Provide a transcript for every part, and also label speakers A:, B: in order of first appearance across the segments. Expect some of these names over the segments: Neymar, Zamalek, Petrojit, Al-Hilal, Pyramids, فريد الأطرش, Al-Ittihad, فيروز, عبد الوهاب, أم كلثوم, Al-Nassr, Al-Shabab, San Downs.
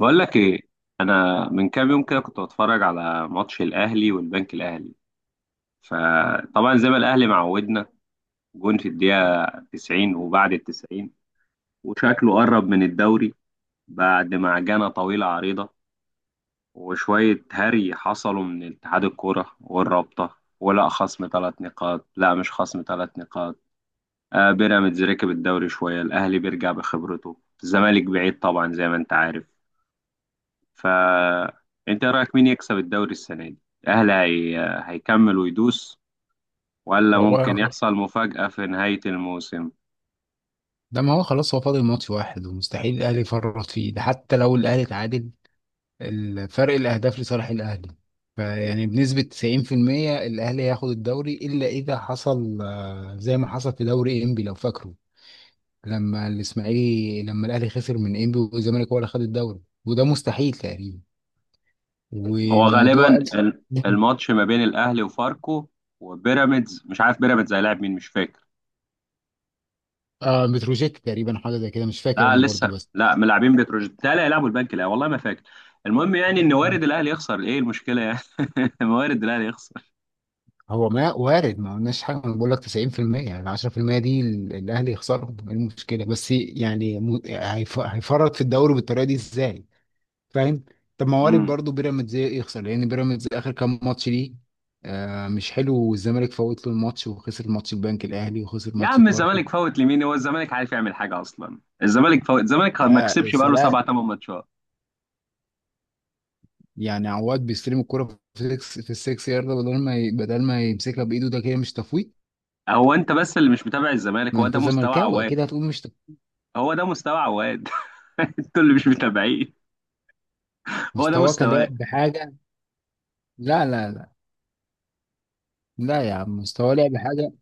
A: بقول لك ايه. انا من كام يوم كده كنت بتفرج على ماتش الاهلي والبنك الاهلي، فطبعا زي ما الاهلي معودنا، جون في الدقيقه 90 وبعد ال 90، وشكله قرب من الدوري بعد معجنه طويله عريضه وشويه هري حصلوا من اتحاد الكوره والرابطه، ولا خصم ثلاث نقاط، لا مش خصم ثلاث نقاط. آه، بيراميدز ركب الدوري شويه، الاهلي بيرجع بخبرته، الزمالك بعيد طبعا زي ما انت عارف. فأنت رأيك مين يكسب الدوري السنة دي؟ الأهلي هيكمل ويدوس، ولا ممكن
B: هو
A: يحصل مفاجأة في نهاية الموسم؟
B: ده ما هو خلاص هو فاضل ماتش واحد ومستحيل الاهلي يفرط فيه، ده حتى لو الاهلي اتعادل الفرق الاهداف لصالح الاهلي. فيعني بنسبة 90% الاهلي هياخد الدوري الا اذا حصل زي ما حصل في دوري انبي لو فاكره، لما الاسماعيلي، لما الاهلي خسر من انبي والزمالك هو اللي خد الدوري، وده مستحيل تقريبا.
A: هو
B: وموضوع
A: غالبا
B: ال- مم.
A: الماتش ما بين الأهلي وفاركو وبيراميدز. مش عارف بيراميدز هيلاعب مين، مش فاكر.
B: اه متروجيت تقريبا حاجة زي كده، مش فاكر
A: لا
B: انا برضو.
A: لسه،
B: بس
A: لا ملاعبين بتروجيت، لا هيلعبوا البنك، لا والله ما فاكر. المهم يعني ان وارد الاهلي يخسر، ايه المشكله يعني؟ وارد الاهلي يخسر.
B: هو ما وارد، ما قلناش حاجه، انا بقول لك 90%، يعني 10% دي الاهلي يخسرهم، ايه المشكله؟ بس يعني هيفرط في الدوري بالطريقه دي ازاي؟ فاهم؟ طب ما وارد
A: امم
B: برضه بيراميدز يخسر، لان بيراميدز اخر كام ماتش ليه آه مش حلو، والزمالك فوت له الماتش وخسر ماتش البنك، الاهلي وخسر
A: يا
B: ماتش
A: عم
B: فاركو.
A: الزمالك فوت لمين؟ هو الزمالك عارف يعمل حاجه اصلا؟ الزمالك فوت؟ الزمالك ما
B: يا
A: كسبش بقاله
B: سلام.
A: سبع ثمان ماتشات.
B: يعني عواد بيستلم الكرة في السكس، في السكس يارده، بدل ما بدل ما يمسكها بايده، ده كده مش تفويت؟
A: هو انت بس اللي مش متابع الزمالك،
B: ما
A: هو ده
B: انت
A: مستوى
B: زملكاوي
A: عواد.
B: اكيد هتقول مش تفويت.
A: هو ده مستوى عواد. انتوا اللي مش متابعين، هو ده
B: مستواك
A: مستواه.
B: لاعب بحاجه. لا لا لا، لا يا عم، مستواه لعب حاجه.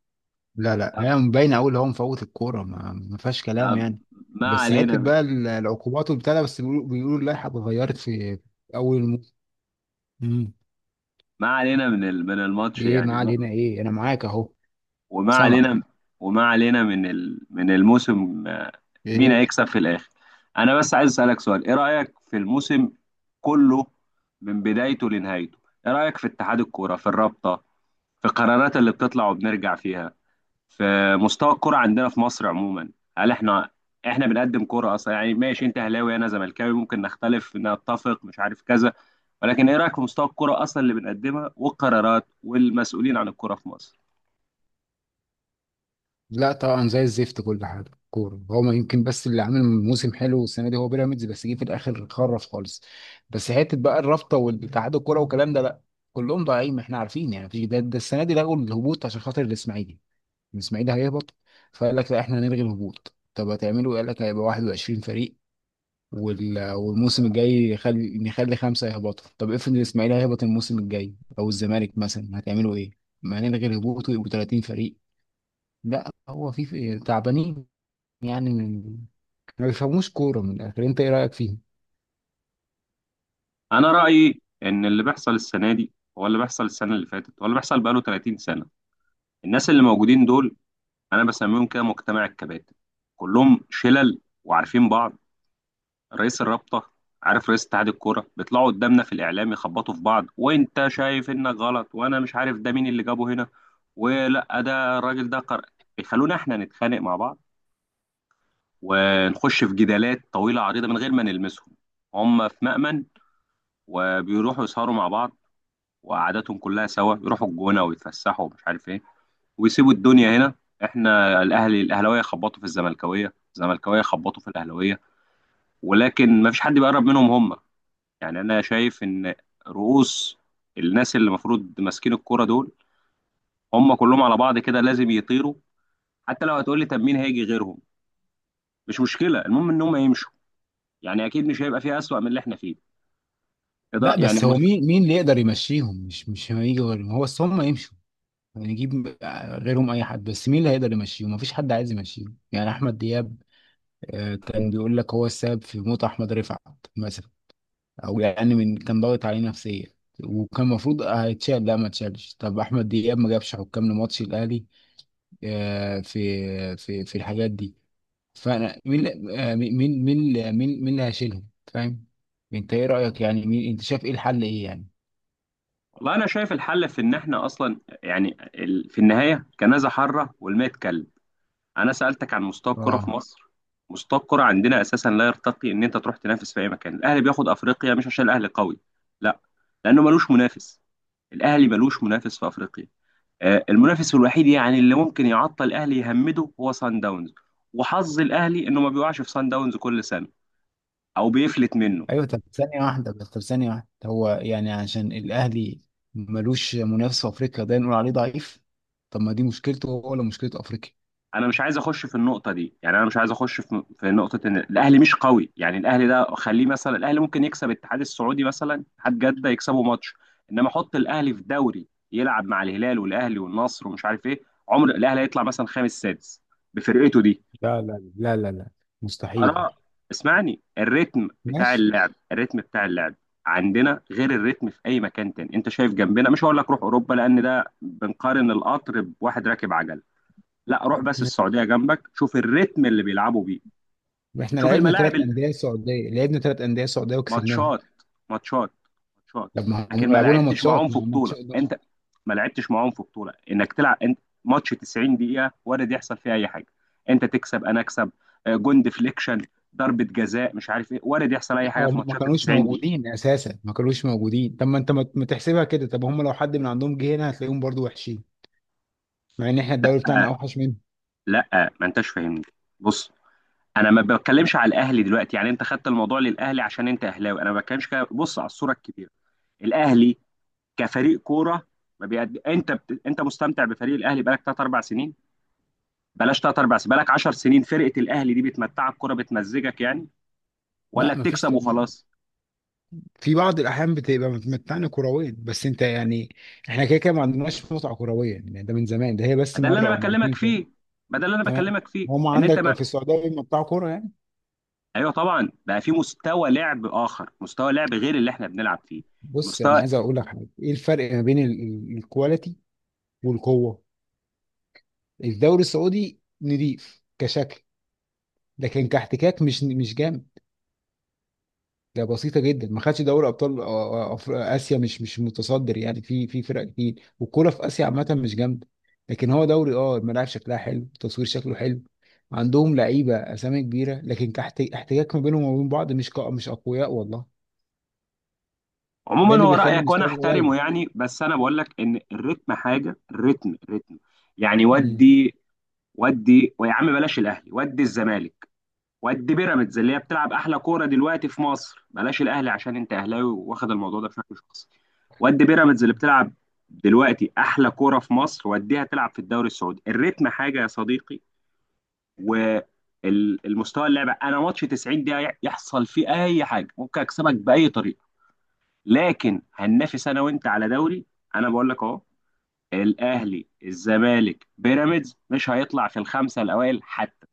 B: لا لا،
A: طب،
B: هي باينه قوي اللي هو مفوت الكوره، ما فيهاش كلام
A: طب،
B: يعني.
A: ما
B: بس حته
A: علينا من،
B: بقى العقوبات وبتاع ده، بس بيقولوا، بيقولوا اللائحه اتغيرت في اول الموسم. مم.
A: ما علينا من الماتش
B: ايه
A: يعني،
B: معال
A: وما
B: هنا ايه، انا معاك اهو،
A: وما علينا،
B: سامعك.
A: وما علينا من الموسم. مين
B: ايه.
A: هيكسب في الاخر؟ انا بس عايز اسالك سؤال: ايه رايك في الموسم كله، من بدايته لنهايته؟ ايه رايك في اتحاد الكوره، في الرابطه، في القرارات اللي بتطلع وبنرجع فيها، في مستوى الكرة عندنا في مصر عموما؟ هل احنا، احنا بنقدم كرة اصلا؟ يعني ماشي، انت اهلاوي انا زملكاوي، ممكن نختلف نتفق مش عارف كذا، ولكن ايه رأيك في مستوى الكرة اصلا اللي بنقدمها، والقرارات والمسؤولين عن الكرة في مصر؟
B: لا طبعا زي الزفت كل حاجه، كوره هو ما يمكن بس اللي عامل موسم حلو السنه دي هو بيراميدز، بس جه في الاخر خرف خالص. بس حته بقى الرابطه والاتحاد الكوره والكلام ده لا، كلهم ضايعين، ما احنا عارفين يعني. ده السنه دي لغوا الهبوط عشان خاطر الاسماعيلي، الاسماعيلي هيهبط. فقال لك لا احنا هنلغي الهبوط. طب هتعملوا ايه؟ قال لك هيبقى 21 فريق، والموسم الجاي نخلي خمسه يهبطوا. طب افرض الاسماعيلي هيهبط الموسم الجاي او الزمالك مثلا، هتعملوا ايه؟ ما هنلغي الهبوط ويبقوا 30 فريق؟ لا هو تعبانين يعني. ما بيفهموش كوره من الاخر، انت ايه رايك فيهم؟
A: انا رأيي ان اللي بيحصل السنة دي هو اللي بيحصل السنة اللي فاتت، هو اللي بيحصل بقاله 30 سنة. الناس اللي موجودين دول انا بسميهم كده مجتمع الكباتن، كلهم شلل وعارفين بعض. رئيس الرابطة، عارف، رئيس اتحاد الكورة، بيطلعوا قدامنا في الإعلام يخبطوا في بعض وأنت شايف إنك غلط، وأنا مش عارف ده مين اللي جابه هنا، ولا ده الراجل ده بيخلونا إحنا نتخانق مع بعض، ونخش في جدالات طويلة عريضة من غير ما نلمسهم. هم في مأمن، وبيروحوا يسهروا مع بعض، وقعداتهم كلها سوا، يروحوا الجونة ويتفسحوا ومش عارف إيه، ويسيبوا الدنيا هنا. إحنا الأهلي، الأهلاوية خبطوا في الزملكاوية، الزملكاوية خبطوا في الأهلاوية، ولكن ما فيش حد بيقرب منهم هم. يعني انا شايف ان رؤوس الناس اللي المفروض ماسكين الكرة دول، هم كلهم على بعض كده لازم يطيروا. حتى لو هتقول لي طب مين هيجي غيرهم، مش مشكلة، المهم ان هم يمشوا. يعني اكيد مش هيبقى فيها اسوأ من اللي احنا فيه. ده
B: لا
A: يعني
B: بس هو مين، مين اللي يقدر يمشيهم؟ مش هيجي غيرهم، هو بس هم يمشوا، نجيب غيرهم اي حد، بس مين اللي هيقدر يمشيهم؟ مفيش حد عايز يمشيهم، يعني احمد دياب كان بيقول لك هو السبب في موت احمد رفعت مثلا، او يعني من كان ضاغط عليه نفسيا، وكان المفروض هيتشال، لا ما اتشالش. طب احمد دياب ما جابش حكام لماتش الاهلي، آه، في في الحاجات دي. فانا مين اللي- آه، مين مين مين مين مين اللي هيشيلهم؟ فاهم؟ انت ايه رايك؟ يعني مين؟ انت شايف ايه الحل؟ ايه يعني؟
A: والله انا شايف الحل في ان احنا اصلا، يعني في النهاية كنازة حرة والماء اتكلم. انا سألتك عن مستوى الكرة في
B: اه.
A: مصر. مستوى الكرة عندنا اساسا لا يرتقي ان انت تروح تنافس في اي مكان. الاهلي بياخد افريقيا مش عشان الاهلي قوي، لا، لانه ملوش منافس. الاهلي ملوش منافس في افريقيا. آه، المنافس الوحيد يعني اللي ممكن يعطل الاهلي يهمده هو سان داونز، وحظ الاهلي انه ما بيقعش في سان داونز كل سنه، او بيفلت منه.
B: ايوه طب ثانيه واحده بس، طب ثانيه واحده، هو يعني عشان الاهلي ملوش منافس في افريقيا ده نقول عليه ضعيف؟ طب ما دي مشكلته هو ولا مشكله افريقيا؟
A: انا مش عايز اخش في النقطه دي، يعني انا مش عايز اخش في نقطه ان الاهلي مش قوي. يعني الاهلي ده خليه، مثلا الاهلي ممكن يكسب الاتحاد السعودي، مثلا اتحاد جده يكسبه ماتش، انما حط الاهلي في دوري يلعب مع الهلال والاهلي والنصر ومش عارف ايه، عمر الاهلي هيطلع مثلا خامس سادس بفرقته دي.
B: لا لا لا لا لا، مستحيل.
A: انا، اسمعني، الريتم بتاع
B: ماشي.
A: اللعب، الريتم بتاع اللعب عندنا غير الريتم في اي مكان تاني. انت شايف جنبنا، مش هقول لك روح اوروبا لان ده بنقارن القطر بواحد راكب عجل، لا، روح بس
B: ماشي.
A: السعوديه جنبك، شوف الريتم اللي بيلعبوا بيه.
B: احنا
A: شوف
B: لعبنا
A: الملاعب
B: ثلاث انديه سعوديه، لعبنا ثلاث انديه سعوديه وكسبناهم.
A: ماتشات، ماتشات، شاط.
B: طب ما
A: لكن
B: هم
A: ما
B: لعبونا
A: لعبتش معاهم
B: ماتشات،
A: في
B: ما هم
A: بطوله
B: ماتشات،
A: انت، ما لعبتش معاهم في بطوله انك تلعب انت. ماتش 90 دقيقه وارد يحصل فيها اي حاجه. انت تكسب، انا اكسب، آه، جون ديفليكشن، ضربه جزاء، مش عارف ايه. وارد يحصل اي حاجه
B: او
A: في
B: هم ما
A: ماتشات ال
B: كانوش
A: 90 دقيقه.
B: موجودين اساسا، ما كانوش موجودين. طب ما انت ما تحسبها كده، طب هم لو حد من عندهم جه هنا هتلاقيهم برضو وحشين، مع ان احنا الدوري بتاعنا
A: لا
B: اوحش منهم.
A: لا ما انتش فاهمني، بص، انا ما بتكلمش على الاهلي دلوقتي، يعني انت خدت الموضوع للاهلي عشان انت اهلاوي، انا ما بتكلمش كده، بص على الصوره الكبيره. الاهلي كفريق كوره ما بيقد... انت بت... انت مستمتع بفريق الاهلي بقالك 3 4 سنين؟ بلاش تلات ارباع سنين، بقالك 10 سنين فرقه الاهلي دي بتمتعك كوره، بتمزجك يعني،
B: لا
A: ولا
B: ما فيش.
A: بتكسب وخلاص؟
B: في بعض الاحيان بتبقى متمتعني كرويا، بس انت يعني احنا كده كده ما عندناش متعه كرويه يعني، ده من زمان ده، هي بس
A: ده اللي
B: مره
A: انا
B: او
A: بكلمك
B: مرتين كده.
A: فيه، ما ده اللي انا
B: تمام.
A: بكلمك فيه.
B: هم
A: ان انت
B: عندك
A: ما...
B: في السعوديه بيمتعوا كوره يعني.
A: ايوه طبعا بقى، في مستوى لعب اخر، مستوى لعب غير اللي احنا بنلعب فيه.
B: بص انا
A: مستوى،
B: عايز اقول لك حاجه، ايه الفرق ما بين الكواليتي والقوه؟ الدوري السعودي نضيف كشكل، لكن كاحتكاك مش مش جامد، ده بسيطه جدا، ما خدش دوري ابطال اسيا، مش مش متصدر يعني، في في فرق كتير، والكوره في اسيا عامه مش جامده. لكن هو دوري اه الملاعب شكلها حلو، التصوير شكله حلو، عندهم لعيبه اسامي كبيره، لكن كاحتكاك ما بينهم وبين بعض مش اقوياء والله، ده
A: عموما
B: اللي
A: هو
B: بيخلي
A: رايك وانا
B: مستواهم قليل.
A: احترمه يعني، بس انا بقول لك ان الريتم حاجه. الريتم، الريتم، يعني
B: مم.
A: ودي، ودي ويا عم بلاش الاهلي، ودي الزمالك وقد بيراميدز اللي هي بتلعب احلى كوره دلوقتي في مصر، بلاش الاهلي عشان انت اهلاوي واخد الموضوع ده بشكل شخصي، وقد بيراميدز اللي بتلعب دلوقتي احلى كوره في مصر، وديها تلعب في الدوري السعودي. الريتم حاجه يا صديقي، والمستوى، اللعبه انا، ماتش 90 دقيقه يحصل فيه اي حاجه، ممكن اكسبك باي طريقه، لكن هننافس انا وانت على دوري، انا بقول لك اهو الاهلي الزمالك بيراميدز مش هيطلع في الخمسه الاوائل حتى.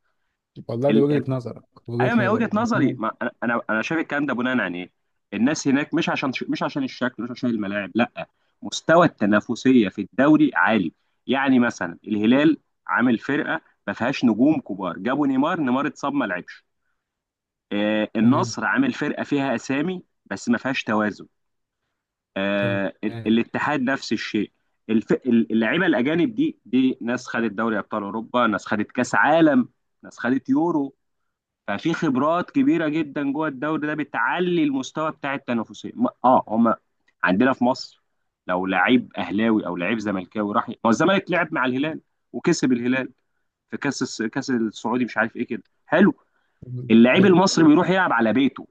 B: والله دي وجهه نظرك،
A: ايوه ما
B: وجهه
A: هي
B: نظرك،
A: وجهه
B: بس
A: نظري،
B: أنا.
A: ما انا انا أنا شايف الكلام ده بناء عن ايه؟ الناس هناك مش عشان، مش عشان الشكل، مش عشان الملاعب، لا، مستوى التنافسيه في الدوري عالي. يعني مثلا الهلال عامل فرقه ما فيهاش نجوم كبار، جابوا نيمار، نيمار اتصاب ما لعبش. آه،
B: تمام.
A: النصر عامل فرقه فيها اسامي بس ما فيهاش توازن.
B: تمام.
A: آه، الاتحاد نفس الشيء. اللعيبه الاجانب دي ناس خدت دوري ابطال اوروبا، ناس خدت كاس عالم، ناس خدت يورو. ففي خبرات كبيره جدا جوه الدوري ده بتعلي المستوى بتاع التنافسيه. هم عندنا في مصر لو لعيب اهلاوي او لعيب زملكاوي راح، ما هو الزمالك لعب مع الهلال وكسب الهلال في كاس السعودي مش عارف ايه، كده حلو. اللعيب
B: حلو.
A: المصري بيروح يلعب على بيته،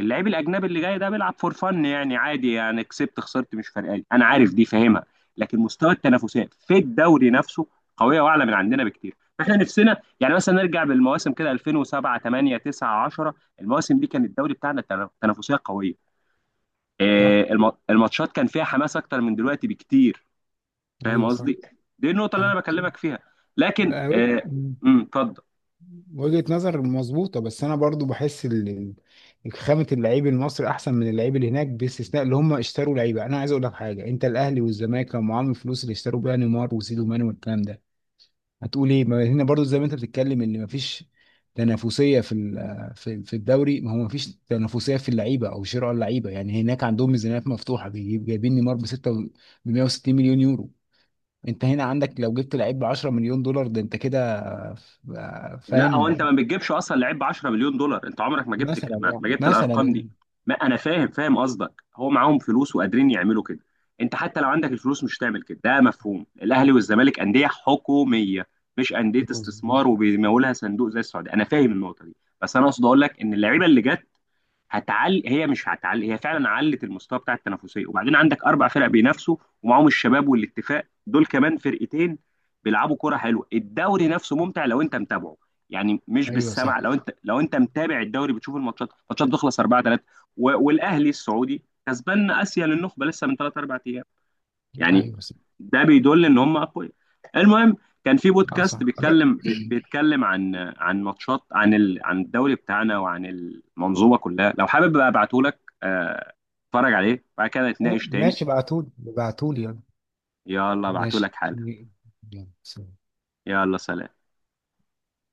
A: اللعيب الاجنبي اللي جاي ده بيلعب فور فن يعني، عادي يعني، كسبت خسرت مش فارقه لي، انا عارف دي فاهمها. لكن مستوى التنافسات في الدوري نفسه قويه واعلى من عندنا بكتير. فاحنا نفسنا يعني مثلا نرجع بالمواسم كده 2007 8 9 10، المواسم دي كان الدوري بتاعنا تنافسيه قويه. آه،
B: صح.
A: الماتشات كان فيها حماس اكتر من دلوقتي بكتير، فاهم
B: ايوه صح.
A: قصدي؟ دي النقطه اللي
B: صحيح،
A: انا
B: صح.
A: بكلمك فيها. لكن
B: لا، وج-
A: آه،
B: مم.
A: اتفضل.
B: وجهة نظر مظبوطة، بس أنا برضو بحس خامة اللعيب المصري أحسن من اللعيب اللي هناك، باستثناء اللي هم اشتروا لعيبة. أنا عايز أقول لك حاجة، أنت الأهلي والزمالك لما معاهم الفلوس اللي اشتروا بيها نيمار وسيدو ماني والكلام ده هتقول إيه؟ ما هنا برضو زي ما أنت بتتكلم إن مفيش تنافسية في الدوري، ما هو مفيش تنافسية في اللعيبة أو شراء اللعيبة، يعني هناك عندهم ميزانيات مفتوحة، جايبين نيمار ب 6 ب 160 مليون يورو، انت هنا عندك لو جبت لعيب ب 10 مليون دولار ده انت كده. ف-
A: لا، هو
B: فاهم؟
A: انت ما بتجيبش اصلا لعيب ب 10 مليون دولار، انت عمرك ما جبت،
B: مثلا
A: ما
B: يعني،
A: جبت
B: مثلا
A: الارقام دي.
B: يعني.
A: ما انا فاهم، فاهم قصدك، هو معاهم فلوس وقادرين يعملوا كده. انت حتى لو عندك الفلوس مش هتعمل كده، ده مفهوم الاهلي والزمالك انديه حكوميه، مش انديه
B: مظبوط.
A: استثمار وبيمولها صندوق زي السعوديه، انا فاهم النقطه دي. بس انا اقصد اقول لك ان اللعيبه اللي جت هتعلي، هي مش هتعلي، هي فعلا علت المستوى بتاع التنافسيه، وبعدين عندك اربع فرق بينافسوا، ومعاهم الشباب والاتفاق دول كمان فرقتين بيلعبوا كوره حلوه. الدوري نفسه ممتع لو انت متابعه، يعني مش
B: ايوه
A: بالسمع،
B: صح.
A: لو انت، لو انت متابع الدوري بتشوف الماتشات، الماتشات بتخلص 4 3، والاهلي السعودي كسبان اسيا للنخبه لسه من 3 4 ايام يعني،
B: ايوه صح.
A: ده بيدل ان هم اقوياء. المهم، كان في
B: اه
A: بودكاست
B: صح. طب
A: بيتكلم، بيتكلم عن، عن ماتشات، عن عن الدوري بتاعنا وعن المنظومه كلها، لو حابب بقى ابعته لك، آه، اتفرج عليه بعد كده نتناقش تاني.
B: ماشي، ابعتولي، ابعتولي يلا.
A: يلا ابعته
B: ماشي.
A: لك حالا.
B: يلا، سلام.
A: يلا سلام.